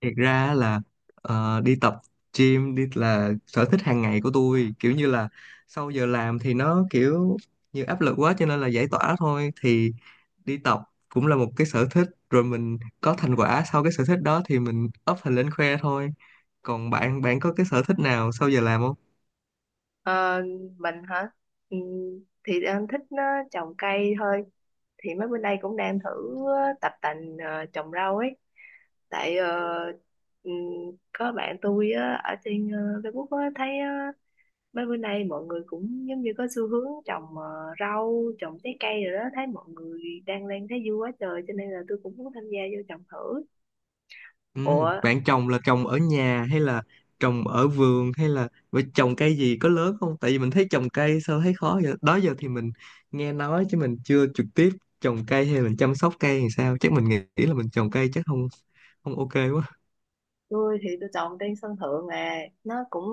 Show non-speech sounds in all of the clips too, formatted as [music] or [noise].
Thiệt ra á là đi tập gym đi là sở thích hàng ngày của tôi, kiểu như là sau giờ làm thì nó kiểu như áp lực quá, cho nên là giải tỏa thôi. Thì đi tập cũng là một cái sở thích, rồi mình có thành quả sau cái sở thích đó thì mình up hình lên khoe thôi. Còn bạn bạn có cái sở thích nào sau giờ làm không? Ờ, mình hả? Ừ, thì em thích trồng cây thôi. Thì mấy bữa nay cũng đang thử ờ, tập tành trồng rau ấy. Tại ừ, có bạn tôi á, ở trên Facebook á, thấy mấy bữa nay mọi người cũng giống như có xu hướng trồng rau, trồng trái cây rồi đó. Thấy mọi người đang lên thấy vui quá trời cho nên là tôi cũng muốn tham gia vô trồng thử. Ừ, Ủa, bạn trồng là trồng ở nhà hay là trồng ở vườn hay là vậy, trồng cây gì có lớn không? Tại vì mình thấy trồng cây sao thấy khó vậy? Đó giờ thì mình nghe nói chứ mình chưa trực tiếp trồng cây hay mình chăm sóc cây thì sao? Chắc mình nghĩ là mình trồng cây chắc không không ok quá. tôi thì tôi trồng trên sân thượng nè, nó cũng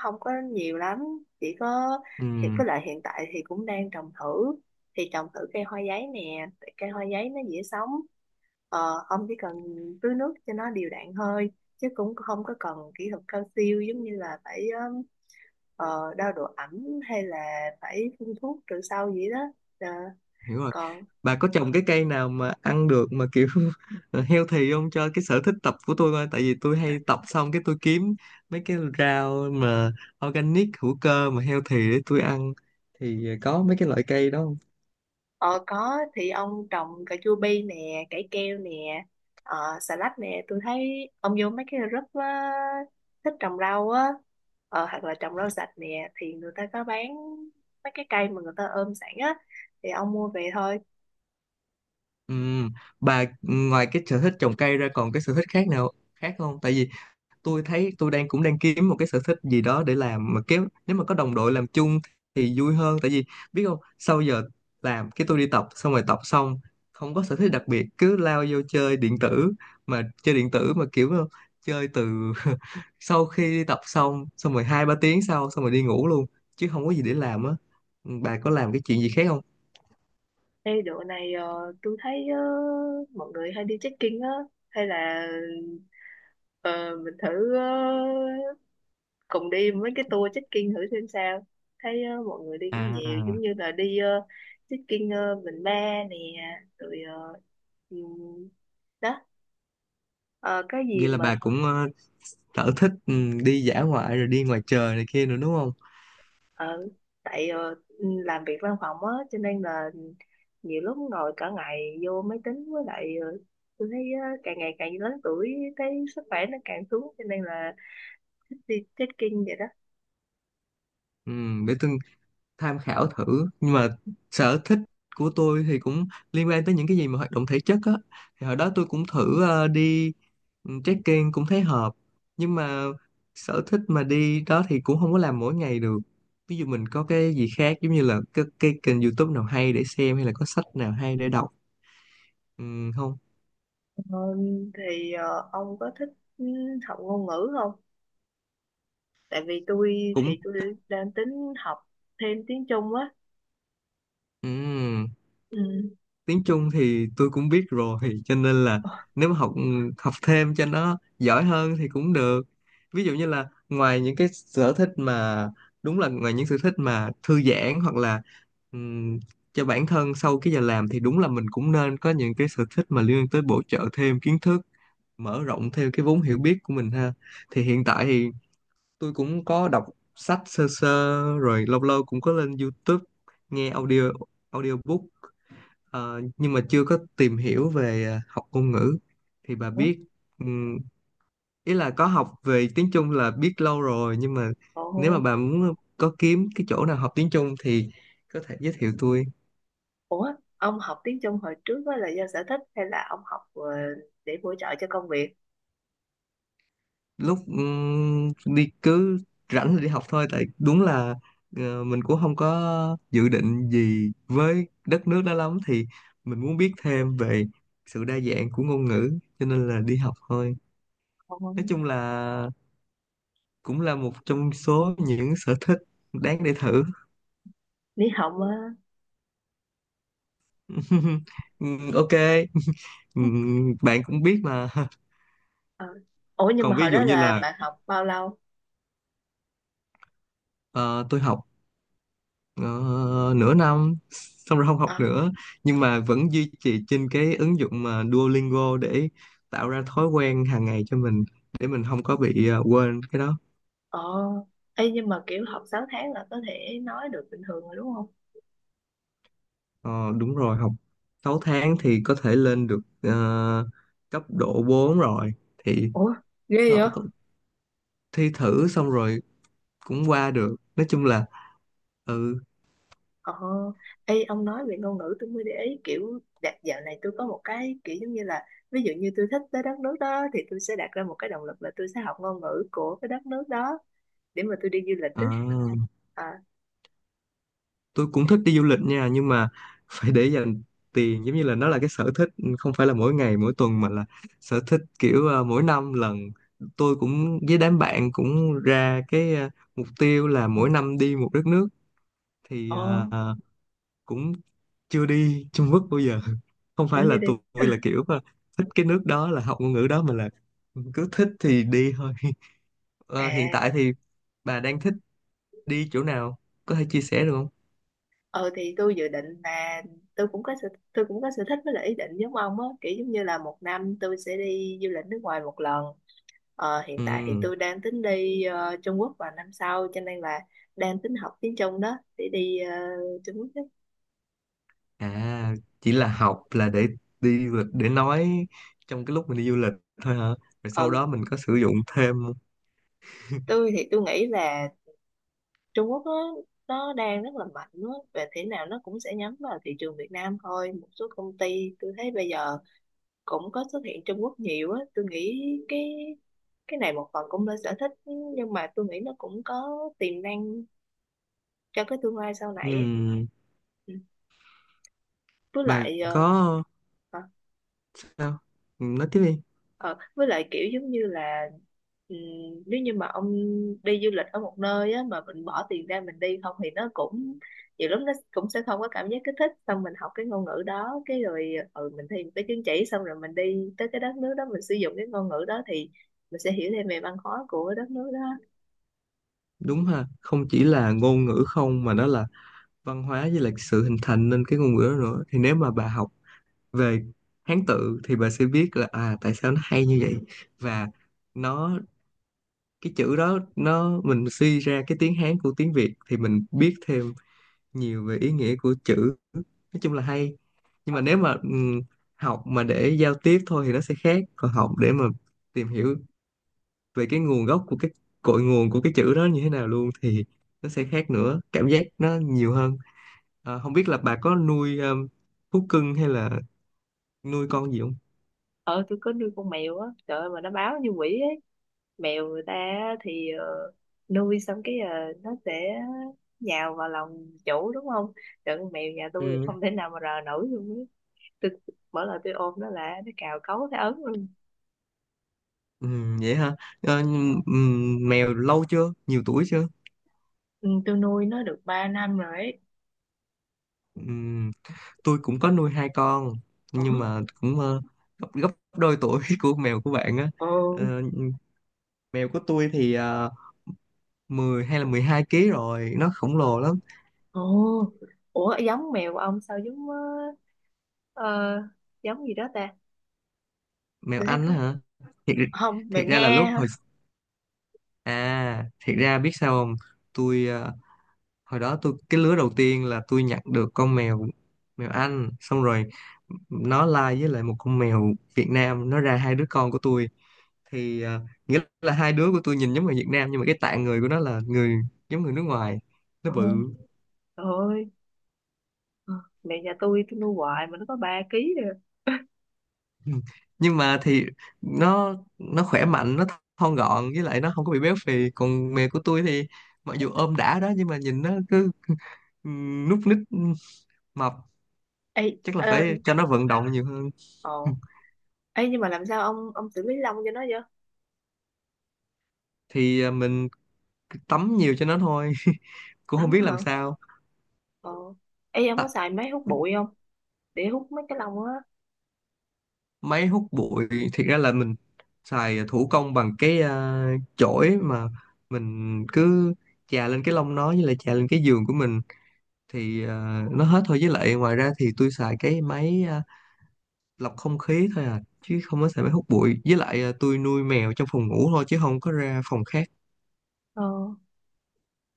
không có nhiều lắm chỉ có. Ừ, Thì với lại hiện tại thì cũng đang trồng thử cây hoa giấy nè, tại cây hoa giấy nó dễ sống, ông chỉ cần tưới nước cho nó đều đặn thôi, chứ cũng không có cần kỹ thuật cao siêu giống như là phải đo độ ẩm hay là phải phun thuốc trừ sâu gì đó. Ờ, hiểu rồi. còn Bà có trồng cái cây nào mà ăn được mà kiểu [laughs] healthy không, cho cái sở thích tập của tôi coi? Tại vì tôi hay tập xong cái tôi kiếm mấy cái rau mà organic, hữu cơ mà healthy để tôi ăn, thì có mấy cái loại cây đó không? Ờ Có thì ông trồng cà chua bi nè, cải keo nè, xà lách nè. Tôi thấy ông vô mấy cái group á, thích trồng rau á, hoặc là trồng rau sạch nè, thì người ta có bán mấy cái cây mà người ta ôm sẵn á, thì ông mua về thôi. Ừm, bà ngoài cái sở thích trồng cây ra còn cái sở thích khác nào khác không? Tại vì tôi thấy tôi đang cũng đang kiếm một cái sở thích gì đó để làm, mà kiếm nếu mà có đồng đội làm chung thì vui hơn. Tại vì biết không, sau giờ làm cái tôi đi tập, xong rồi tập xong không có sở thích đặc biệt cứ lao vô chơi điện tử. Mà chơi điện tử mà kiểu chơi từ [laughs] sau khi đi tập xong, xong rồi 2 3 tiếng sau xong rồi đi ngủ luôn chứ không có gì để làm á. Bà có làm cái chuyện gì khác không? Ê độ này tôi thấy mọi người hay đi trekking á, hay là Ờ, mình thử cùng đi mấy cái tour trekking thử xem sao. Thấy mọi người đi cũng nhiều, À, giống như là đi trekking Bình Ba nè, rồi ờ, ừm, đó Ờ, cái gì vậy là mà bà cũng sở thích đi dã ngoại rồi đi ngoài trời này kia nữa đúng không? ở tại làm việc văn phòng á, cho nên là nhiều lúc ngồi cả ngày vô máy tính, với lại tôi thấy càng ngày càng lớn tuổi thấy sức khỏe nó càng xuống, cho nên là thích đi trekking vậy đó. Ừ, để tôi tham khảo thử. Nhưng mà sở thích của tôi thì cũng liên quan tới những cái gì mà hoạt động thể chất á, thì hồi đó tôi cũng thử đi trekking cũng thấy hợp. Nhưng mà sở thích mà đi đó thì cũng không có làm mỗi ngày được. Ví dụ mình có cái gì khác giống như là cái kênh YouTube nào hay để xem, hay là có sách nào hay để đọc ừ, không? Ờ, thì ông có thích ừ, học ngôn ngữ không? Tại vì tôi Cũng thì tôi đang tính học thêm tiếng Trung á. ừ. Ừ. Tiếng Trung thì tôi cũng biết rồi, cho nên là nếu mà học học thêm cho nó giỏi hơn thì cũng được. Ví dụ như là ngoài những cái sở thích mà đúng là ngoài những sở thích mà thư giãn hoặc là ừm, cho bản thân sau cái giờ làm, thì đúng là mình cũng nên có những cái sở thích mà liên quan tới bổ trợ thêm kiến thức, mở rộng thêm cái vốn hiểu biết của mình ha. Thì hiện tại thì tôi cũng có đọc sách sơ sơ, rồi lâu lâu cũng có lên YouTube nghe audio, audiobook. Ờ, nhưng mà chưa có tìm hiểu về học ngôn ngữ thì bà Ủa? biết ừm, ý là có học về tiếng Trung là biết lâu rồi. Nhưng mà nếu mà Ồ, bà muốn có kiếm cái chỗ nào học tiếng Trung thì có thể giới thiệu tôi. ủa? Ông học tiếng Trung hồi trước á là do sở thích hay là ông học để bổ trợ cho công việc? Lúc đi cứ rảnh thì đi học thôi, tại đúng là mình cũng không có dự định gì với đất nước đó lắm, thì mình muốn biết thêm về sự đa dạng của ngôn ngữ cho nên là đi học thôi. Ồ, Nói chung là cũng là một trong số những sở thích đáng để thử. lý học á. [laughs] Ok. [laughs] Bạn cũng biết mà. [laughs] Ờ. Ủa nhưng mà Còn ví hồi dụ đó như là là bạn học bao lâu? ờ, tôi học ờ, nửa năm xong rồi không học À, nữa, nhưng mà vẫn duy trì trên cái ứng dụng mà Duolingo để tạo ra thói quen hàng ngày cho mình, để mình không có bị quên cái đó. ồ, ê, nhưng mà kiểu học 6 tháng là có thể nói được bình thường rồi đúng không? Ờ, đúng rồi, học 6 tháng thì có thể lên được cấp độ 4 rồi thì Ủa, ghê có, vậy? có thi thử xong rồi cũng qua được, nói chung là ừ. Ờ, ê, ông nói về ngôn ngữ tôi mới để ý kiểu đạt dạo này tôi có một cái kiểu giống như là, ví dụ như tôi thích tới đất nước đó thì tôi sẽ đặt ra một cái động lực là tôi sẽ học ngôn ngữ của cái đất nước đó để mà tôi đi du lịch Ờ, đó. À, tôi cũng thích đi du lịch nha, nhưng mà phải để dành tiền. Giống như là nó là cái sở thích không phải là mỗi ngày mỗi tuần, mà là sở thích kiểu mỗi năm lần. Tôi cũng với đám bạn cũng ra cái mục tiêu là mỗi năm đi một đất nước, thì ồ, ờ, cũng chưa đi Trung Quốc bao giờ. [laughs] Không phải tôi là như đi. tôi là [laughs] kiểu thích cái nước đó là học ngôn ngữ đó, mà là cứ thích thì đi thôi. [laughs] Ờ, hiện À, tại thì bà đang thích đi chỗ nào, có thể chia sẻ được không? ừ thì tôi dự định là tôi cũng có sở thích với lại ý định giống ông á, kiểu giống như là một năm tôi sẽ đi du lịch nước ngoài một lần. Hiện tại thì Ừ, tôi đang tính đi Trung Quốc vào năm sau, cho nên là đang tính học tiếng Trung đó để đi Trung Quốc đó. à, chỉ là học là để đi du lịch để nói trong cái lúc mình đi du lịch thôi hả, rồi sau Ừ, đó mình có sử dụng thêm? tôi thì tôi nghĩ là Trung Quốc nó đang rất là mạnh á, về thế nào nó cũng sẽ nhắm vào thị trường Việt Nam thôi. Một số công ty tôi thấy bây giờ cũng có xuất hiện Trung Quốc nhiều á, tôi nghĩ cái cái này một phần cũng là sở thích, nhưng mà tôi nghĩ nó cũng có tiềm năng cho cái tương lai sau này ấy. Ừ, Ừ. Với bà lại có hả? sao? Ừ, nói tiếp đi. Ờ, với lại kiểu giống như là, ừm, nếu như mà ông đi du lịch ở một nơi á, mà mình bỏ tiền ra mình đi không thì nó cũng nhiều lúc nó cũng sẽ không có cảm giác kích thích, xong mình học cái ngôn ngữ đó cái rồi mình thi một cái chứng chỉ, xong rồi mình đi tới cái đất nước đó mình sử dụng cái ngôn ngữ đó thì mình sẽ hiểu thêm về văn hóa của đất nước đó. Đúng ha, không chỉ là ngôn ngữ không mà nó là văn hóa với lại sự hình thành nên cái ngôn ngữ đó nữa. Thì nếu mà bà học về Hán tự thì bà sẽ biết là à tại sao nó hay như vậy, và nó cái chữ đó nó mình suy ra cái tiếng Hán của tiếng Việt thì mình biết thêm nhiều về ý nghĩa của chữ, nói chung là hay. Nhưng Ờ. mà nếu mà học mà để giao tiếp thôi thì nó sẽ khác, còn học để mà tìm hiểu về cái nguồn gốc của cái cội nguồn của cái chữ đó như thế nào luôn thì nó sẽ khác nữa, cảm giác nó nhiều hơn. Ờ, không biết là bà có nuôi thú cưng hay là nuôi con gì không? ờ tôi có nuôi con mèo á, trời ơi mà nó báo như quỷ ấy. Mèo người ta á thì nuôi xong cái nó sẽ nhào vào lòng chủ đúng không, trời con mèo nhà tôi Ừ, không thể nào mà rờ nổi luôn ấy. tôi mỗi lần tôi ôm nó là nó cào cấu thấy ấn luôn. ừ, vậy hả. Ờ, mèo lâu chưa, nhiều tuổi chưa? Ừ, tôi nuôi nó được 3 năm rồi ấy. Ừ, tôi cũng có nuôi 2 con Ủa. nhưng mà cũng gấp gấp đôi tuổi [laughs] của mèo của bạn á. Ồ. Ờ, mèo của tôi thì 10 hay là 12 kg rồi, nó khổng ờ, lồ lắm. Ồ. Ủa, giống mèo của ông sao giống ờ, giống gì đó ta. Mèo Tôi thấy Anh có á hả? Thiệt, không mèo thiệt ra là nghe lúc hả. hồi à, thiệt ra biết sao không, tôi hồi đó tôi cái lứa đầu tiên là tôi nhặt được con mèo, mèo Anh, xong rồi nó lai với lại một con mèo Việt Nam nó ra 2 đứa con của tôi. Thì à, nghĩa là 2 đứa của tôi nhìn giống người Việt Nam nhưng mà cái tạng người của nó là người giống người nước ngoài, nó Ồ. bự. [clears throat] Trời ơi, Ờ, mẹ nhà tôi nuôi hoài mà nó có 3 ký rồi. Ừ. Nhưng mà thì nó khỏe mạnh, nó thon gọn với lại nó không có bị béo phì. Còn mẹ của tôi thì mặc dù ôm đã đó nhưng mà nhìn nó cứ núp ních, mập. Ê, Chắc là phải cho nó vận động nhiều hơn. [clears throat] ồ. [laughs] Ê, nhưng mà làm sao ông xử lý lông cho nó vậy? Thì à, mình tắm nhiều cho nó thôi. [laughs] Cũng không Tắm biết hả? làm sao. Ờ. Ê, ông có À, xài máy hút bụi không? Để hút mấy cái lông á. máy hút bụi, thiệt ra là mình xài thủ công bằng cái chổi, mà mình cứ chà lên cái lông nó với lại chà lên cái giường của mình thì ờ, nó hết thôi. Với lại ngoài ra thì tôi xài cái máy lọc không khí thôi à, chứ không có xài máy hút bụi. Với lại ờ, tôi nuôi mèo trong phòng ngủ thôi chứ không có ra phòng khác. Ờ.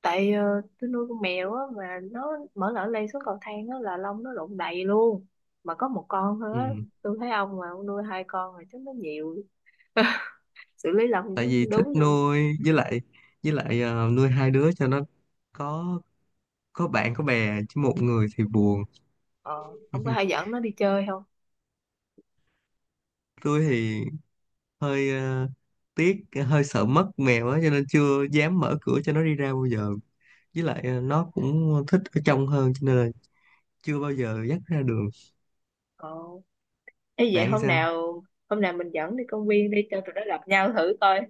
Tại tôi nuôi con mèo á mà nó mở lỡ lên xuống cầu thang á là lông nó lộn đầy luôn. Mà có một con thôi Ừ. á. Tôi thấy ông mà ông nuôi hai con rồi chắc nó nhiều. [laughs] Xử lý lông nó Tại vì không thích đúng luôn. nuôi, với lại nuôi 2 đứa cho nó có có bạn có bè, chứ một người thì buồn. Ờ. Ông có hay [laughs] dẫn nó đi chơi không? Tôi thì hơi tiếc, hơi sợ mất mèo á, cho nên chưa dám mở cửa cho nó đi ra bao giờ. Với lại ờ, nó cũng thích ở trong hơn cho nên là chưa bao giờ dắt ra đường. Ờ. Ê, vậy Bạn thì hôm sao? nào hôm nào mình dẫn đi công viên đi cho tụi nó gặp nhau thử coi.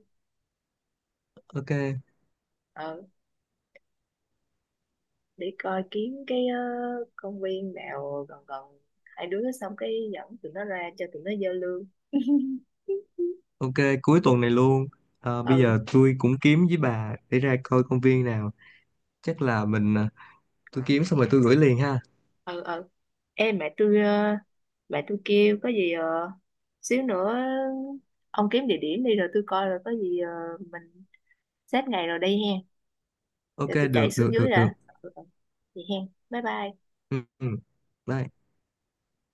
Ok. Ờ, để coi kiếm cái công viên nào gần gần hai đứa, xong cái dẫn tụi nó ra cho tụi nó giao lưu. Ok, cuối tuần này luôn. Ờ, bây Ừ, giờ tôi cũng kiếm với bà để ra coi công viên nào. Chắc là mình tôi kiếm xong rồi tôi gửi liền ha. ừ, ừ. Ê, mẹ tôi kêu có gì xíu nữa ông kiếm địa điểm đi rồi tôi coi, rồi có gì mình xếp ngày rồi đi hen. Ok, Để tôi chạy được được xuống được dưới được. đã. Ừ, ừ. Vậy hen. Bye bye. Ừ, ừ. Bye.